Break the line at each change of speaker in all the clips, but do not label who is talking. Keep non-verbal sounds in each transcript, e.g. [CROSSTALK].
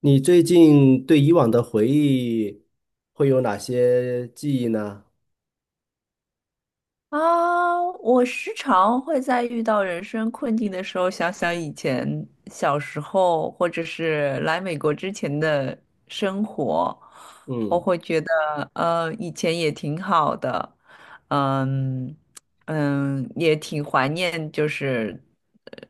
你最近对以往的回忆会有哪些记忆呢？
啊，我时常会在遇到人生困境的时候，想想以前小时候，或者是来美国之前的生活。我
嗯
会觉得，以前也挺好的。嗯，嗯，也挺怀念，就是呃，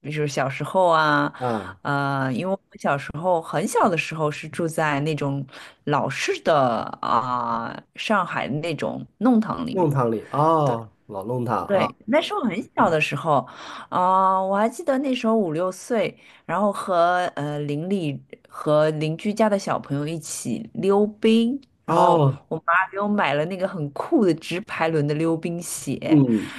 比如小时候啊。
啊，
因为我时候很小的时候是住在那种老式的啊、上海那种弄堂里面。
弄堂里哦，老弄堂啊。
对，那时候很小的时候，啊、我还记得那时候五六岁，然后和邻里和邻居家的小朋友一起溜冰，然后
哦，
我妈给我买了那个很酷的直排轮的溜冰鞋。
嗯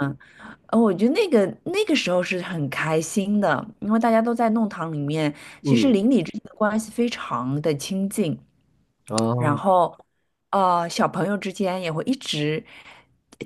嗯，我觉得那个时候是很开心的，因为大家都在弄堂里面，其实
嗯
邻里之间的关系非常的亲近。然
哦，
后，小朋友之间也会一直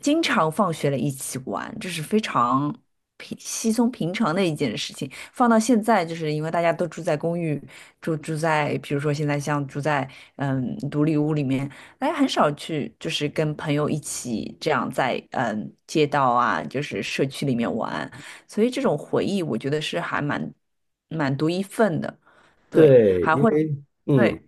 经常放学了一起玩，这是非常平稀松平常的一件事情。放到现在，就是因为大家都住在公寓，住在，比如说现在像住在嗯独立屋里面，大家很少去就是跟朋友一起这样在嗯街道啊，就是社区里面玩，所以这种回忆我觉得是还蛮独一份的，对，
对，
还
因
会。
为
对。
嗯，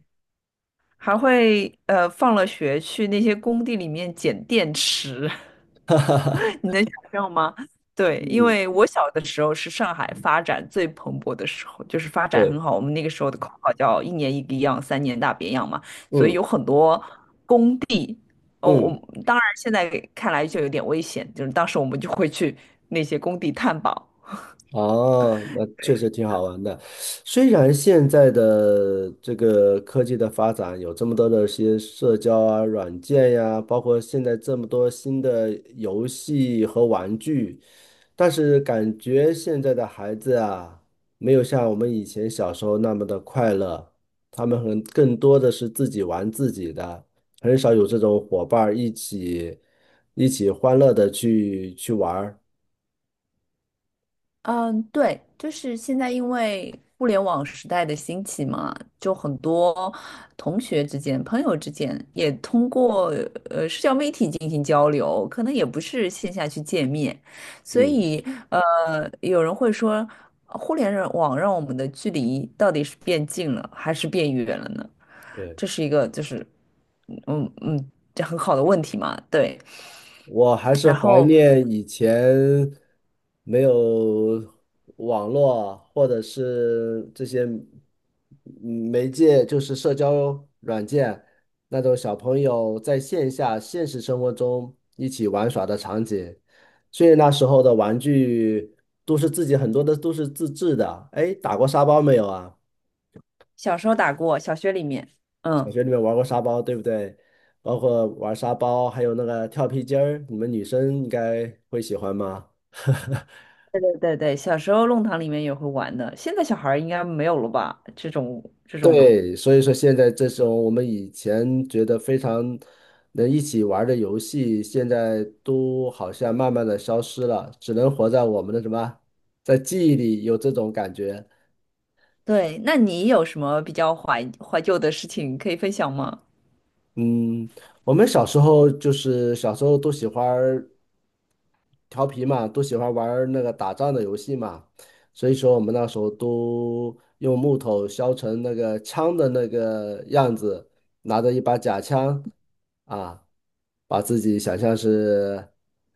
还会放了学去那些工地里面捡电池，
[LAUGHS] 哈哈哈，
[LAUGHS] 你能想象吗？对，因
嗯，
为我小的时候是上海发展最蓬勃的时候，就是发展很
对，
好。我们那个时候的口号叫“一年一个样，三年大变样”嘛，所以
嗯
有很多哦，我
嗯。
当然现在看来就有点危险，就是当时我们就会去那些工地探宝。
哦，那确实挺好玩的。虽然现在的这个科技的发展有这么多的一些社交啊、软件呀，包括现在这么多新的游戏和玩具，但是感觉现在的孩子啊，没有像我们以前小时候那么的快乐，他们很更多的是自己玩自己的，很少有这种伙伴儿一起欢乐的去玩儿。
嗯，对，就是现在因为互联网时代的兴起嘛，就很多同学之间、朋友之间也通过社交媒体进行交流，可能也不是线下去见面。所
嗯，
以有人会说，互联网让我们的距离到底是变近了还是变远了呢？这
对。
是一个就是嗯，嗯，这很好的问题嘛，对。
我还是
然
怀
后
念以前没有网络或者是这些媒介，就是社交软件那种小朋友在线下现实生活中一起玩耍的场景。所以那时候的玩具都是自己很多的都是自制的。哎，打过沙包没有啊？
小时候打过，小学里面。
小
嗯。
学里面玩过沙包，对不对？包括玩沙包，还有那个跳皮筋儿，你们女生应该会喜欢吗？[LAUGHS]
对对对对，小时候弄堂里面也会玩的，现在小孩儿应该没有了吧？这种，
对，所以说现在这种我们以前觉得非常能一起玩儿的游戏，现在都好像慢慢的消失了，只能活在我们的什么，在记忆里有这种感觉。
对，那你有什么比较怀旧的事情可以分享吗？
嗯，我们小时候就是小时候都喜欢。调皮嘛，都喜欢玩儿那个打仗的游戏嘛，所以说我们那时候都用木头削成那个枪的那个样子，拿着一把假枪啊，把自己想象是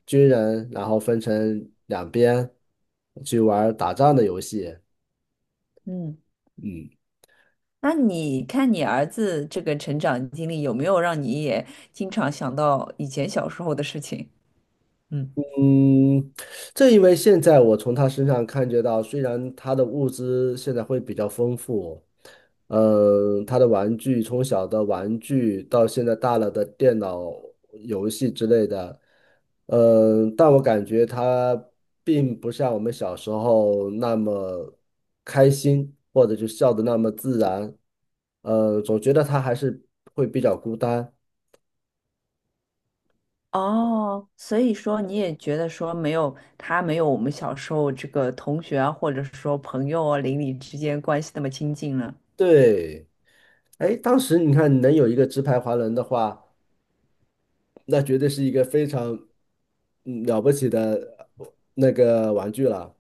军人，然后分成两边去玩儿打仗的游戏。
嗯，
嗯，
那你看你儿子这个成长经历，有没有让你也经常想到以前小时候的事情？嗯，
嗯，正因为现在我从他身上感觉到，虽然他的物资现在会比较丰富，嗯，他的玩具从小的玩具到现在大了的电脑游戏之类的，嗯，但我感觉他并不像我们小时候那么开心，或者就笑得那么自然，总觉得他还是会比较孤单。
哦，所以说你也觉得说没有他没有我们小时候这个同学啊，或者说朋友啊，邻里之间关系那么亲近了。
对，哎，当时你看能有一个直排滑轮的话，那绝对是一个非常嗯了不起的那个玩具了。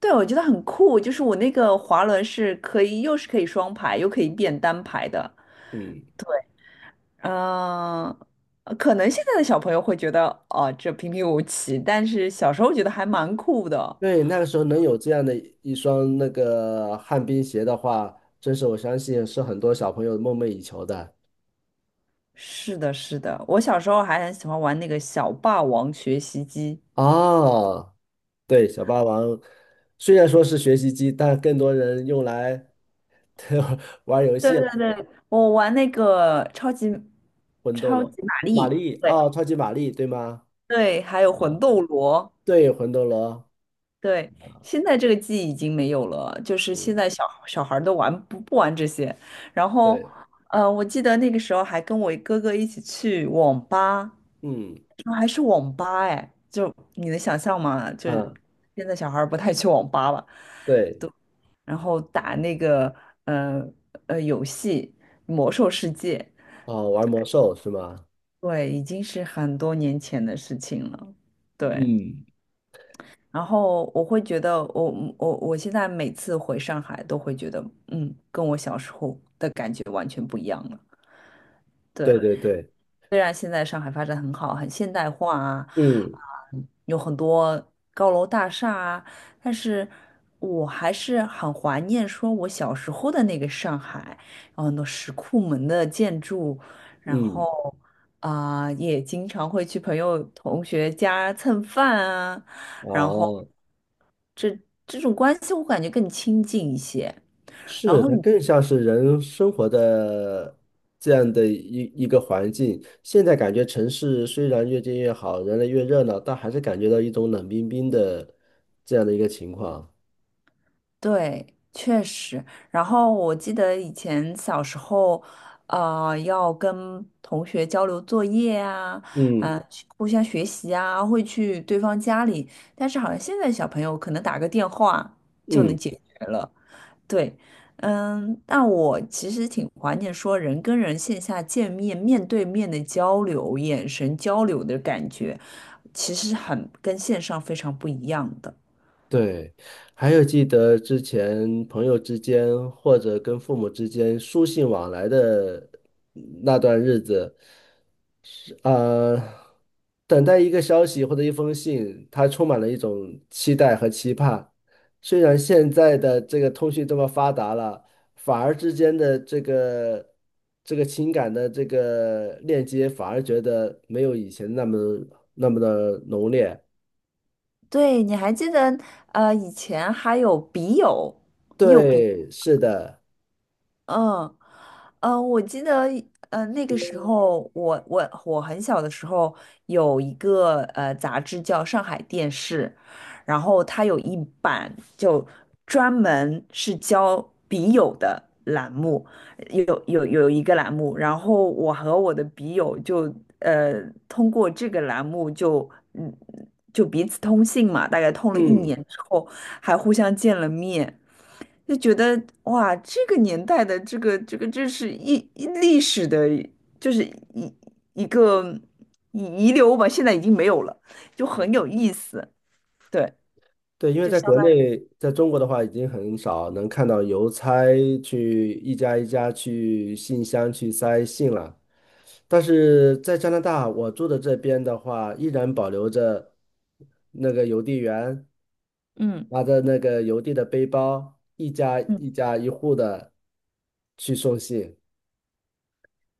对，我觉得很酷，就是我那个滑轮是可以，又是可以双排，又可以变单排的。
嗯，
嗯、可能现在的小朋友会觉得，哦、这平平无奇，但是小时候觉得还蛮酷的。
对，那个时候能有这样的一双那个旱冰鞋的话，真是我相信是很多小朋友梦寐以求的。
是的，是的，我小时候还很喜欢玩那个小霸王学习机。
哦，对，小霸王虽然说是学习机，但更多人用来 [LAUGHS] 玩游
对
戏了，
对对，我玩那个超级
魂斗
超
罗、
级玛
玛
丽，
丽
对
哦，超级玛丽，对吗？
对，还有魂
哦，
斗罗。
对，魂斗罗。
对，现在这个记忆已经没有了，就是
嗯
现在小小孩儿都玩不玩这些。然后，
对，
我记得那个时候还跟我哥哥一起去网吧，
嗯
说还是网吧哎，就你能想象吗？就是
啊，
现在小孩儿不太去网吧了，
对，
然后打那个呃游戏《魔兽世界》，
哦，玩魔兽是吗？
对，已经是很多年前的事情了，对。
嗯，
然后我会觉得我，我现在每次回上海都会觉得，嗯，跟我小时候的感觉完全不一样了。
对
对，
对对，
虽然现在上海发展很好，很现代化啊，
嗯
啊，有很多高楼大厦啊，但是我还是很怀念说我小时候的那个上海，有很多石库门的建筑，然后
嗯，
啊，也经常会去朋友同学家蹭饭啊。然后，
哦，
这种关系我感觉更亲近一些。然
是，
后
它
你
更像是人生活的这样的一个环境。现在感觉城市虽然越建越好，人类越热闹，但还是感觉到一种冷冰冰的这样的一个情况。
对，确实。然后我记得以前小时候，要跟同学交流作业啊，
嗯
呃，互相学习啊，会去对方家里。但是好像现在小朋友可能打个电话就能
嗯。
解决了。对，嗯，但我其实挺怀念说人跟人线下见面、面对面的交流、眼神交流的感觉，其实很跟线上非常不一样的。
对，还有记得之前朋友之间或者跟父母之间书信往来的那段日子，是呃，等待一个消息或者一封信，它充满了一种期待和期盼。虽然现在的这个通讯这么发达了，反而之间的这个情感的这个链接，反而觉得没有以前那么那么浓烈。
对，你还记得以前还有笔友，你有笔，
对，是的。
嗯，我记得，那个时候我很小的时候有一个杂志叫《上海电视》，然后它有一版就专门是教笔友的栏目，有一个栏目，然后我和我的笔友就呃通过这个栏目就嗯就彼此通信嘛，大概通了一年
嗯，
之后还互相见了面。就觉得哇，这个年代的这个，这是一历史的，就是一，一个遗留吧，现在已经没有了，就很有意思。对，
对，因为
就
在
相
国
当于
内，在中国的话，已经很少能看到邮差去一家一家去信箱去塞信了。但是在加拿大，我住的这边的话，依然保留着那个邮递员
嗯，
拿着那个邮递的背包，一家
嗯，
一家一户的去送信。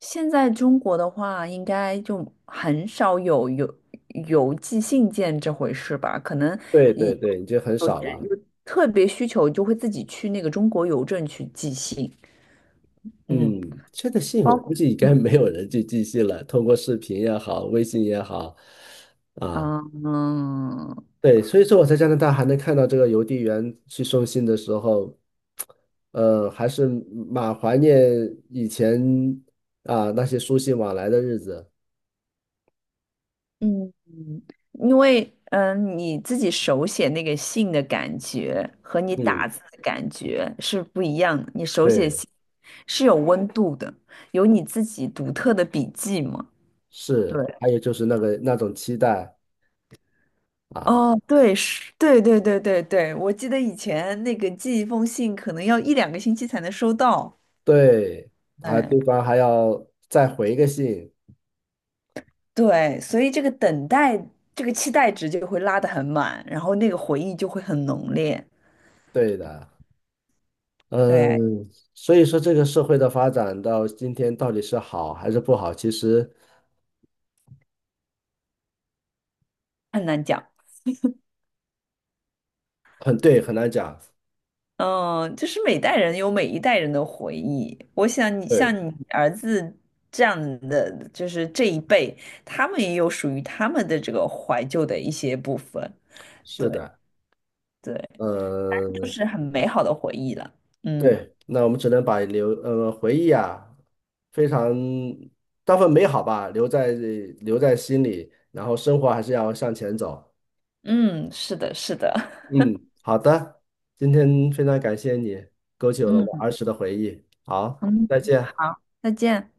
现在中国的话，应该就很少有邮寄信件这回事吧？可能
对
一
对对，已经很
有
少了。
有特别需求，就会自己去那个中国邮政去寄信。嗯，
嗯，现在信
包
我估
括
计应该
嗯。
没有人去寄信了，通过视频也好，微信也好，啊。
嗯，
对，所以说我在加拿大还能看到这个邮递员去送信的时候，还是蛮怀念以前啊那些书信往来的日子。
嗯，因为嗯，你自己手写那个信的感觉和你
嗯，
打字的感觉是不一样的。你手写
对，
信是有温度的，有你自己独特的笔迹嘛？对，
是，还有就是那个那种期待啊，
哦，对，是，对对对对对，我记得以前那个寄一封信可能要一两个星期才能收到。
对，啊，
哎，
对方还要再回个信，
对，所以这个等待，这个期待值就会拉得很满，然后那个回忆就会很浓烈。
对的，
对，
嗯，所以说这个社会的发展到今天到底是好还是不好，其实
很难讲。
很对，很难讲。
嗯，就是每代人有每一代人的回忆。我想你像
对，
你儿子这样的，就是这一辈，他们也有属于他们的这个怀旧的一些部分。
是
对
的，
对，就
嗯，
是很美好的回忆了。嗯，
对，那我们只能把回忆啊，非常当份美好吧，留在心里，然后生活还是要向前走。
嗯，是的，是的。[LAUGHS]
嗯，好的，今天非常感谢你，勾起了我们
嗯，
儿时的回忆。好，
嗯，
再见。
好，再见。